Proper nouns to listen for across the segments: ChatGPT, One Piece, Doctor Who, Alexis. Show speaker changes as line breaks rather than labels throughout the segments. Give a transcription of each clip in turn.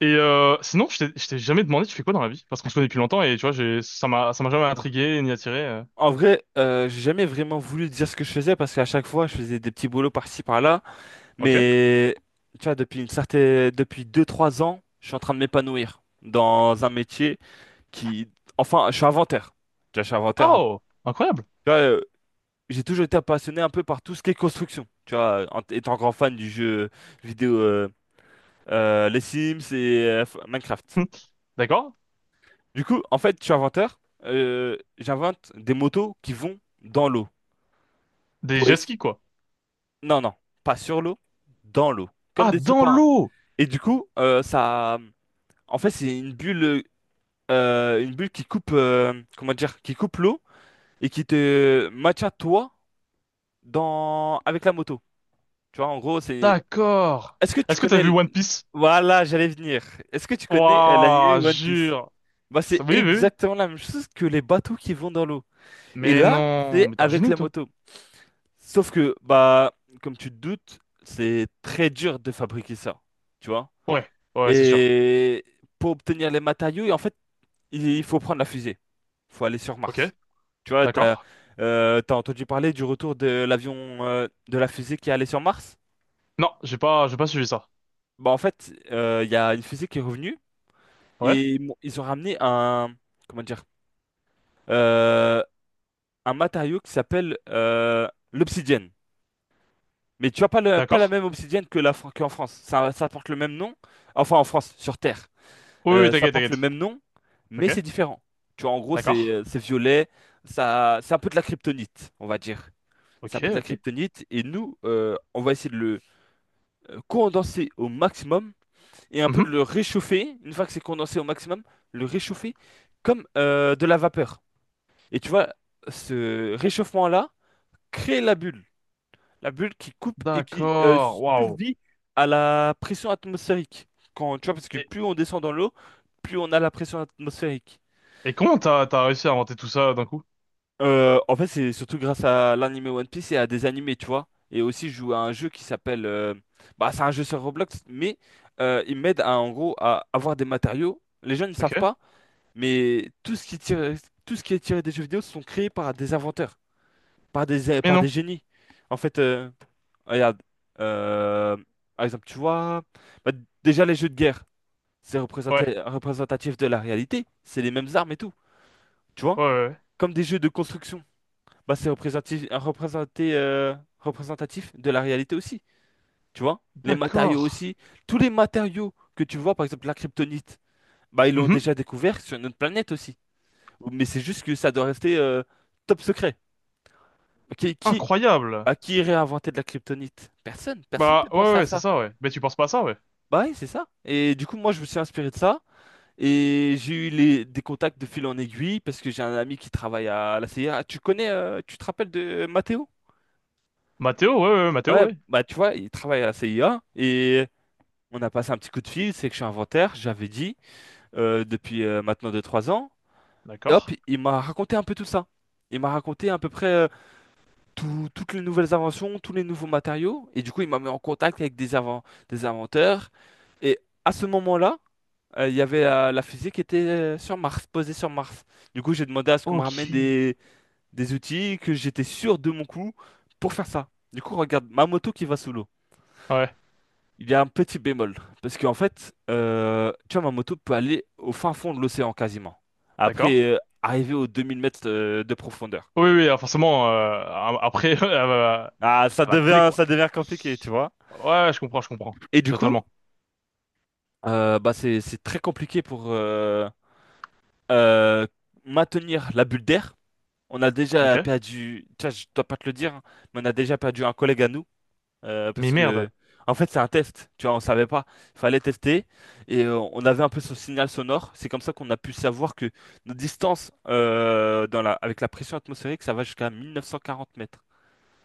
Et sinon, je t'ai jamais demandé, tu fais quoi dans la vie? Parce qu'on se connaît depuis longtemps et tu vois, j'ai, ça m'a jamais
Alors,
intrigué ni attiré.
en vrai, j'ai jamais vraiment voulu dire ce que je faisais parce qu'à chaque fois, je faisais des petits boulots par-ci par-là.
Ok.
Mais tu vois, depuis deux trois ans, je suis en train de m'épanouir dans un métier qui, je suis inventaire. Tu vois, je suis inventaire. Tu
Oh, incroyable.
vois, j'ai toujours été passionné un peu par tout ce qui est construction. Tu vois, en étant grand fan du jeu vidéo, les Sims et Minecraft.
D'accord.
Du coup, en fait, je suis inventeur. J'invente des motos qui vont dans l'eau.
Des jet skis, quoi.
Non, non, pas sur l'eau, dans l'eau, comme
Ah,
des
dans
sous-marins.
l'eau!
Et du coup, ça, en fait, c'est une bulle qui coupe, qui coupe l'eau et qui te maintient toi dans avec la moto. Tu vois, en gros, c'est.
D'accord.
Est-ce que tu
Est-ce que t'as
connais,
vu
l-
One Piece?
Voilà, j'allais venir. Est-ce que tu connais
Waouh,
l'anime One Piece?
jure.
Bah,
Ça-
c'est
oui, oui, oui.
exactement la même chose que les bateaux qui vont dans l'eau. Et
Mais
là,
non,
c'est
mais t'es un
avec
génie,
la
toi.
moto. Sauf que, bah, comme tu te doutes, c'est très dur de fabriquer ça. Tu vois?
Ouais, ouais, c'est sûr.
Et pour obtenir les matériaux, et en fait, il faut prendre la fusée. Il faut aller sur
Ok,
Mars. Tu vois,
d'accord.
t'as entendu parler du retour de l'avion, de la fusée qui est allée sur Mars?
Non, j'ai pas suivi ça.
Bah, en fait, il y a une fusée qui est revenue
Ouais,
et ils ont ramené un, comment dire, euh, un matériau qui s'appelle l'obsidienne. Mais tu vois, pas la
d'accord.
même obsidienne que qu'en France. Ça porte le même nom, enfin en France, sur Terre.
Oui, oui,
Ça
t'inquiète,
porte le
t'inquiète.
même nom, mais
Ok,
c'est différent. Tu vois, en gros,
d'accord.
c'est violet, ça, c'est un peu de la kryptonite, on va dire. C'est un
Ok,
peu de la
ok.
kryptonite, et nous, on va essayer de le condenser au maximum et un peu de
Mhm.
le réchauffer. Une fois que c'est condensé au maximum, le réchauffer comme de la vapeur. Et tu vois, ce réchauffement-là crée la bulle qui coupe et qui
D'accord. Waouh.
survit à la pression atmosphérique. Quand, tu vois, parce que plus on descend dans l'eau, plus on a la pression atmosphérique.
Et comment t'as réussi à inventer tout ça d'un coup?
En fait, c'est surtout grâce à l'anime One Piece et à des animés, tu vois. Et aussi, je joue à un jeu qui s'appelle... bah, c'est un jeu sur Roblox, mais il m'aide à, en gros, à avoir des matériaux. Les gens ne savent
Ok.
pas, mais tout ce qui est tiré des jeux vidéo sont créés par des inventeurs,
Mais
par des
non.
génies. En fait, regarde, euh, par exemple, tu vois, bah, déjà les jeux de guerre, c'est
Ouais.
représentatif de la réalité. C'est les mêmes armes et tout, tu vois.
Ouais, ouais, ouais.
Comme des jeux de construction bah, c'est représentatif de la réalité aussi. Tu vois? Les
D'accord.
matériaux aussi. Tous les matériaux que tu vois, par exemple la kryptonite, bah, ils l'ont
Mhm.
déjà découvert sur notre planète aussi. Mais c'est juste que ça doit rester top secret. Qui, qui,
Incroyable.
Bah, qui irait inventer de la kryptonite? Personne. Personne
Bah
ne
ouais,
pensé à
ouais, c'est
ça.
ça, ouais. Mais tu penses pas à ça, ouais.
Bah oui, c'est ça. Et du coup, moi, je me suis inspiré de ça. Et j'ai eu des contacts de fil en aiguille parce que j'ai un ami qui travaille à la CIA. Tu connais, tu te rappelles de Mathéo?
Mathéo, ouais, ouais, ouais, Mathéo,
Ouais,
ouais.
bah tu vois, il travaille à la CIA et on a passé un petit coup de fil, c'est que je suis inventaire, j'avais dit, depuis maintenant deux trois ans. Et hop,
D'accord.
il m'a raconté un peu tout ça. Il m'a raconté à peu près toutes les nouvelles inventions, tous les nouveaux matériaux. Et du coup, il m'a mis en contact avec des inventeurs. Et à ce moment-là, il y avait la fusée qui était sur Mars, posée sur Mars. Du coup, j'ai demandé à ce qu'on me
Ok.
ramène des outils, que j'étais sûr de mon coup pour faire ça. Du coup, regarde, ma moto qui va sous l'eau.
Ouais.
Il y a un petit bémol, parce qu'en fait, tu vois, ma moto peut aller au fin fond de l'océan quasiment.
D'accord.
Après, arriver aux 2000 mètres de profondeur.
Oui, oui, alors forcément après elle va couler quoi.
Ça devient compliqué, tu vois.
Ouais, je comprends.
Et du coup,
Totalement.
bah c'est très compliqué pour euh, maintenir la bulle d'air. On a
Ok.
déjà perdu, tiens, je dois pas te le dire, hein, mais on a déjà perdu un collègue à nous. Parce
Mais merde.
que, en fait, c'est un test. Tu vois, on savait pas. Il fallait tester. Et on avait un peu ce signal sonore. C'est comme ça qu'on a pu savoir que nos distances avec la pression atmosphérique, ça va jusqu'à 1940 mètres.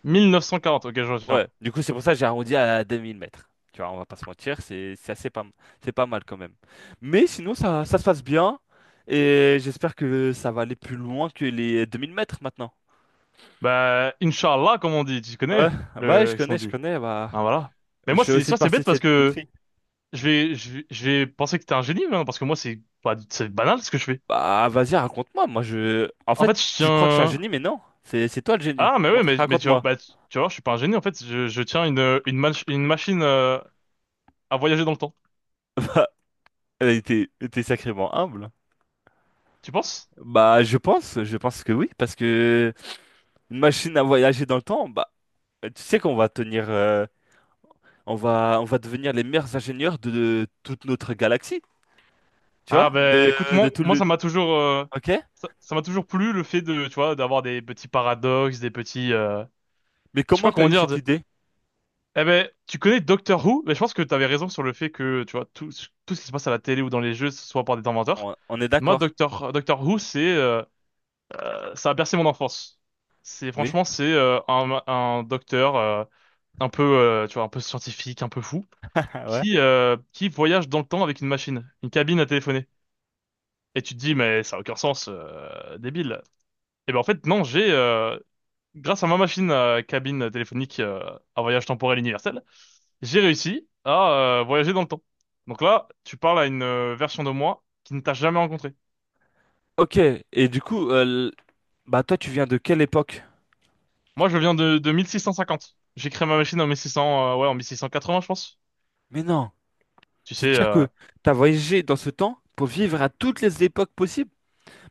1940, ok, je retiens.
Ouais. Du coup, c'est pour ça que j'ai arrondi à 2000 mètres. Tu vois, on va pas se mentir. C'est assez pas, m- c'est pas mal quand même. Mais sinon, ça se passe bien. Et j'espère que ça va aller plus loin que les 2000 mètres maintenant.
Bah Inch'Allah, comme on dit, tu
Ouais,
connais,
ouais, je
le ce qu'on
connais, je
dit.
connais. Bah,
Ah voilà. Mais
je
moi,
fais
c'est
aussi
ça, c'est
partie
bête
de
parce
cette
que
country.
je vais, je vais penser que t'es un génie, hein, parce que moi, c'est pas, c'est banal ce que je fais.
Bah, vas-y, raconte-moi. Moi, je. En
En
fait,
fait, je
tu crois que je suis un
tiens.
génie, mais non. C'est toi le génie.
Ah, mais ouais,
Montre,
mais tu vois,
raconte-moi.
bah, tu vois, je suis pas un génie. En fait, je tiens une machine à voyager dans le temps.
T'es sacrément humble.
Tu penses?
Bah, je pense que oui, parce que une machine à voyager dans le temps, bah, tu sais qu'on va tenir, on va devenir les meilleurs ingénieurs de toute notre galaxie, tu
Ah,
vois,
ben, écoute,
de tout
moi,
le.
ça m'a toujours,
Ok?
ça, ça m'a toujours plu le fait de, tu vois, d'avoir des petits paradoxes, des petits,
Mais
je sais
comment
pas
t'as
comment
eu
dire.
cette
De-
idée?
eh ben, tu connais Doctor Who? Mais je pense que t'avais raison sur le fait que, tu vois, tout, tout ce qui se passe à la télé ou dans les jeux, ce soit par des inventeurs.
On est
Moi,
d'accord.
Doctor Who, c'est ça a bercé mon enfance. C'est
Oui.
franchement, c'est un docteur un peu tu vois, un peu scientifique, un peu fou
ouais.
qui voyage dans le temps avec une machine, une cabine à téléphoner. Et tu te dis mais ça a aucun sens, débile. Et ben en fait non, j'ai grâce à ma machine à cabine téléphonique à voyage temporel universel, j'ai réussi à voyager dans le temps. Donc là, tu parles à une version de moi qui ne t'a jamais rencontré.
Ok. Et du coup, bah toi, tu viens de quelle époque?
Moi, je viens de 1650. J'ai créé ma machine en 1600, ouais, en 1680, je pense.
Mais non.
Tu sais,
C'est-à-dire que tu as voyagé dans ce temps pour vivre à toutes les époques possibles.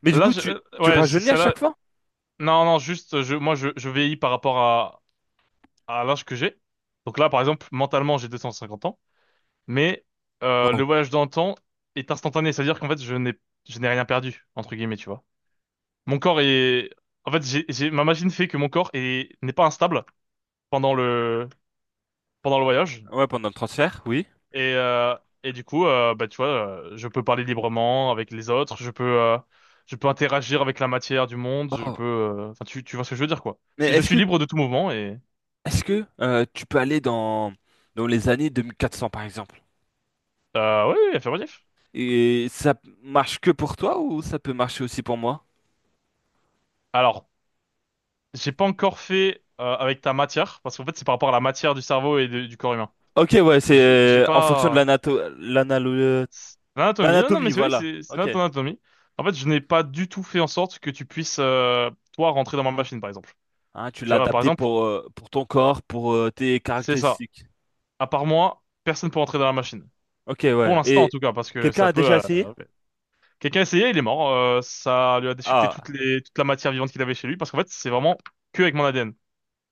Mais du
là,
coup,
je-
tu
ouais, c-
rajeunis à
celle-là,
chaque fois?
non, non, juste, moi, je vieillis par rapport à l'âge que j'ai. Donc là, par exemple, mentalement, j'ai 250 ans, mais
Waouh.
le voyage dans le temps est instantané, c'est-à-dire qu'en fait, je n'ai rien perdu, entre guillemets, tu vois. Mon corps est, en fait, ma machine fait que n'est pas instable pendant le, pendant le voyage.
Ouais, pendant le transfert, oui.
Et, euh, et du coup, bah, tu vois, je peux parler librement avec les autres, je peux interagir avec la matière du monde,
Oh.
enfin, tu vois ce que je veux dire, quoi.
Mais
C'est- Je
est-ce
suis
que
libre de tout mouvement et,
est-ce que tu peux aller dans les années 2400 par exemple?
oui, oui, affirmatif.
Et ça marche que pour toi ou ça peut marcher aussi pour moi?
Alors, j'ai pas encore fait, avec ta matière, parce qu'en fait, c'est par rapport à la matière du cerveau et de- du corps humain.
Ok, ouais, c'est
J'ai
euh, en fonction de
pas,
l'anato- l'analo-
c'est l'anatomie, non, non,
l'anatomie,
mais c'est oui,
voilà.
c'est
Ok.
notre anatomie. En fait, je n'ai pas du tout fait en sorte que tu puisses, toi, rentrer dans ma machine, par exemple.
Hein, tu
Tu
l'as
vois, par
adapté
exemple,
pour ton corps, pour tes
c'est ça.
caractéristiques.
À part moi, personne peut rentrer dans la machine.
Ok,
Pour
ouais.
l'instant, en
Et
tout cas, parce que
quelqu'un
ça
a déjà
peut...
essayé?
quelqu'un a essayé, il est mort. Ça lui a déchiqueté toutes
Ah.
les... toute la matière vivante qu'il avait chez lui, parce qu'en fait, c'est vraiment que avec mon ADN.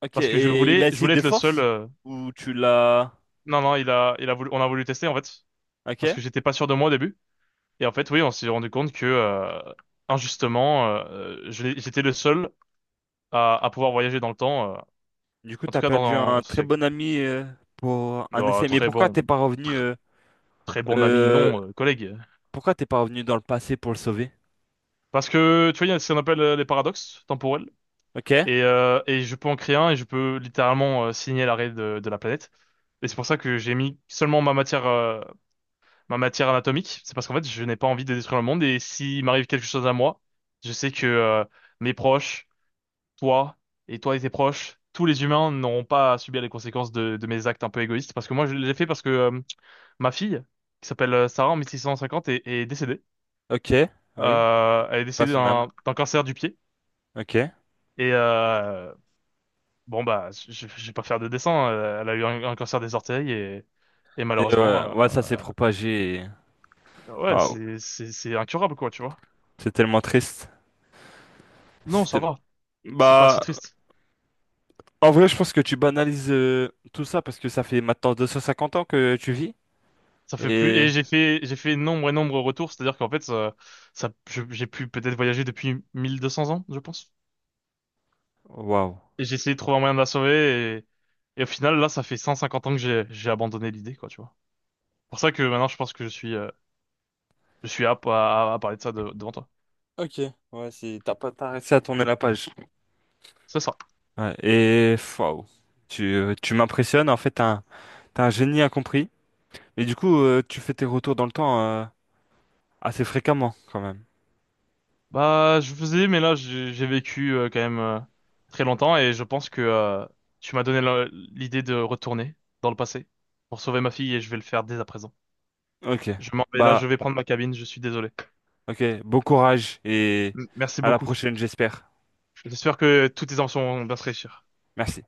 Ok,
Parce que
et il a
je
essayé
voulais
de
être le seul...
force? Ou tu l'as...
non, non, il a... Il a voulu... on a voulu tester, en fait,
Ok.
parce que j'étais pas sûr de moi au début. Et en fait, oui, on s'est rendu compte que, injustement, j'étais le seul à pouvoir voyager dans le temps,
Du coup,
en tout
t'as
cas dans
perdu un
un...
très
c'est-
bon ami pour un
dans un
essai. Mais
très tr- très bon ami,
euh,
non, collègue.
pourquoi t'es pas revenu dans le passé pour le sauver?
Parce que, tu vois, il y a ce qu'on appelle les paradoxes temporels.
Ok,
Et je peux en créer un et je peux littéralement signer l'arrêt de la planète. Et c'est pour ça que j'ai mis seulement ma matière anatomique. C'est parce qu'en fait, je n'ai pas envie de détruire le monde. Et s'il m'arrive quelque chose à moi, je sais que mes proches, toi et toi et tes proches, tous les humains n'auront pas à subir les conséquences de mes actes un peu égoïstes. Parce que moi, je l'ai fait parce que ma fille, qui s'appelle Sarah en 1650, est, est décédée.
ok, oui,
Elle est
pas
décédée
son âme.
d'un cancer du pied.
Ok. Et
Et, bon bah, je vais pas faire de dessin. Elle a eu un cancer des orteils et malheureusement,
ouais, ça s'est propagé. Et-
ouais,
Waouh,
c'est c'est incurable quoi, tu vois.
c'est tellement triste.
Non, ça
C'était-
va. C'est pas
Bah,
si triste.
en vrai, je pense que tu banalises tout ça parce que ça fait maintenant 250 ans que tu vis.
Ça fait plus.
Et
Et j'ai fait nombre et nombre de retours. C'est-à-dire qu'en fait, j'ai pu peut-être voyager depuis 1200 ans, je pense.
waouh.
Et j'ai essayé de trouver un moyen de la sauver et au final là, ça fait 150 ans que j'ai abandonné l'idée quoi, tu vois. Pour ça que maintenant, je pense que je suis apte à, à parler de ça devant toi.
Ok, ouais, c'est t'as pas t'as réussi à tourner la page.
C'est ça.
Ouais, et waouh, tu m'impressionnes. En fait, t'as un génie incompris. Mais du coup, tu fais tes retours dans le temps assez fréquemment, quand même.
Bah, je faisais, mais là, j'ai vécu quand même très longtemps et je pense que tu m'as donné l'idée de retourner dans le passé pour sauver ma fille et je vais le faire dès à présent.
Ok.
Je m'en vais là,
Bah,
je vais prendre ma cabine, je suis désolé.
ok. Bon courage et
M- Merci
à la
beaucoup.
prochaine, j'espère.
J'espère que toutes tes enfants vont bien se réussir.
Merci.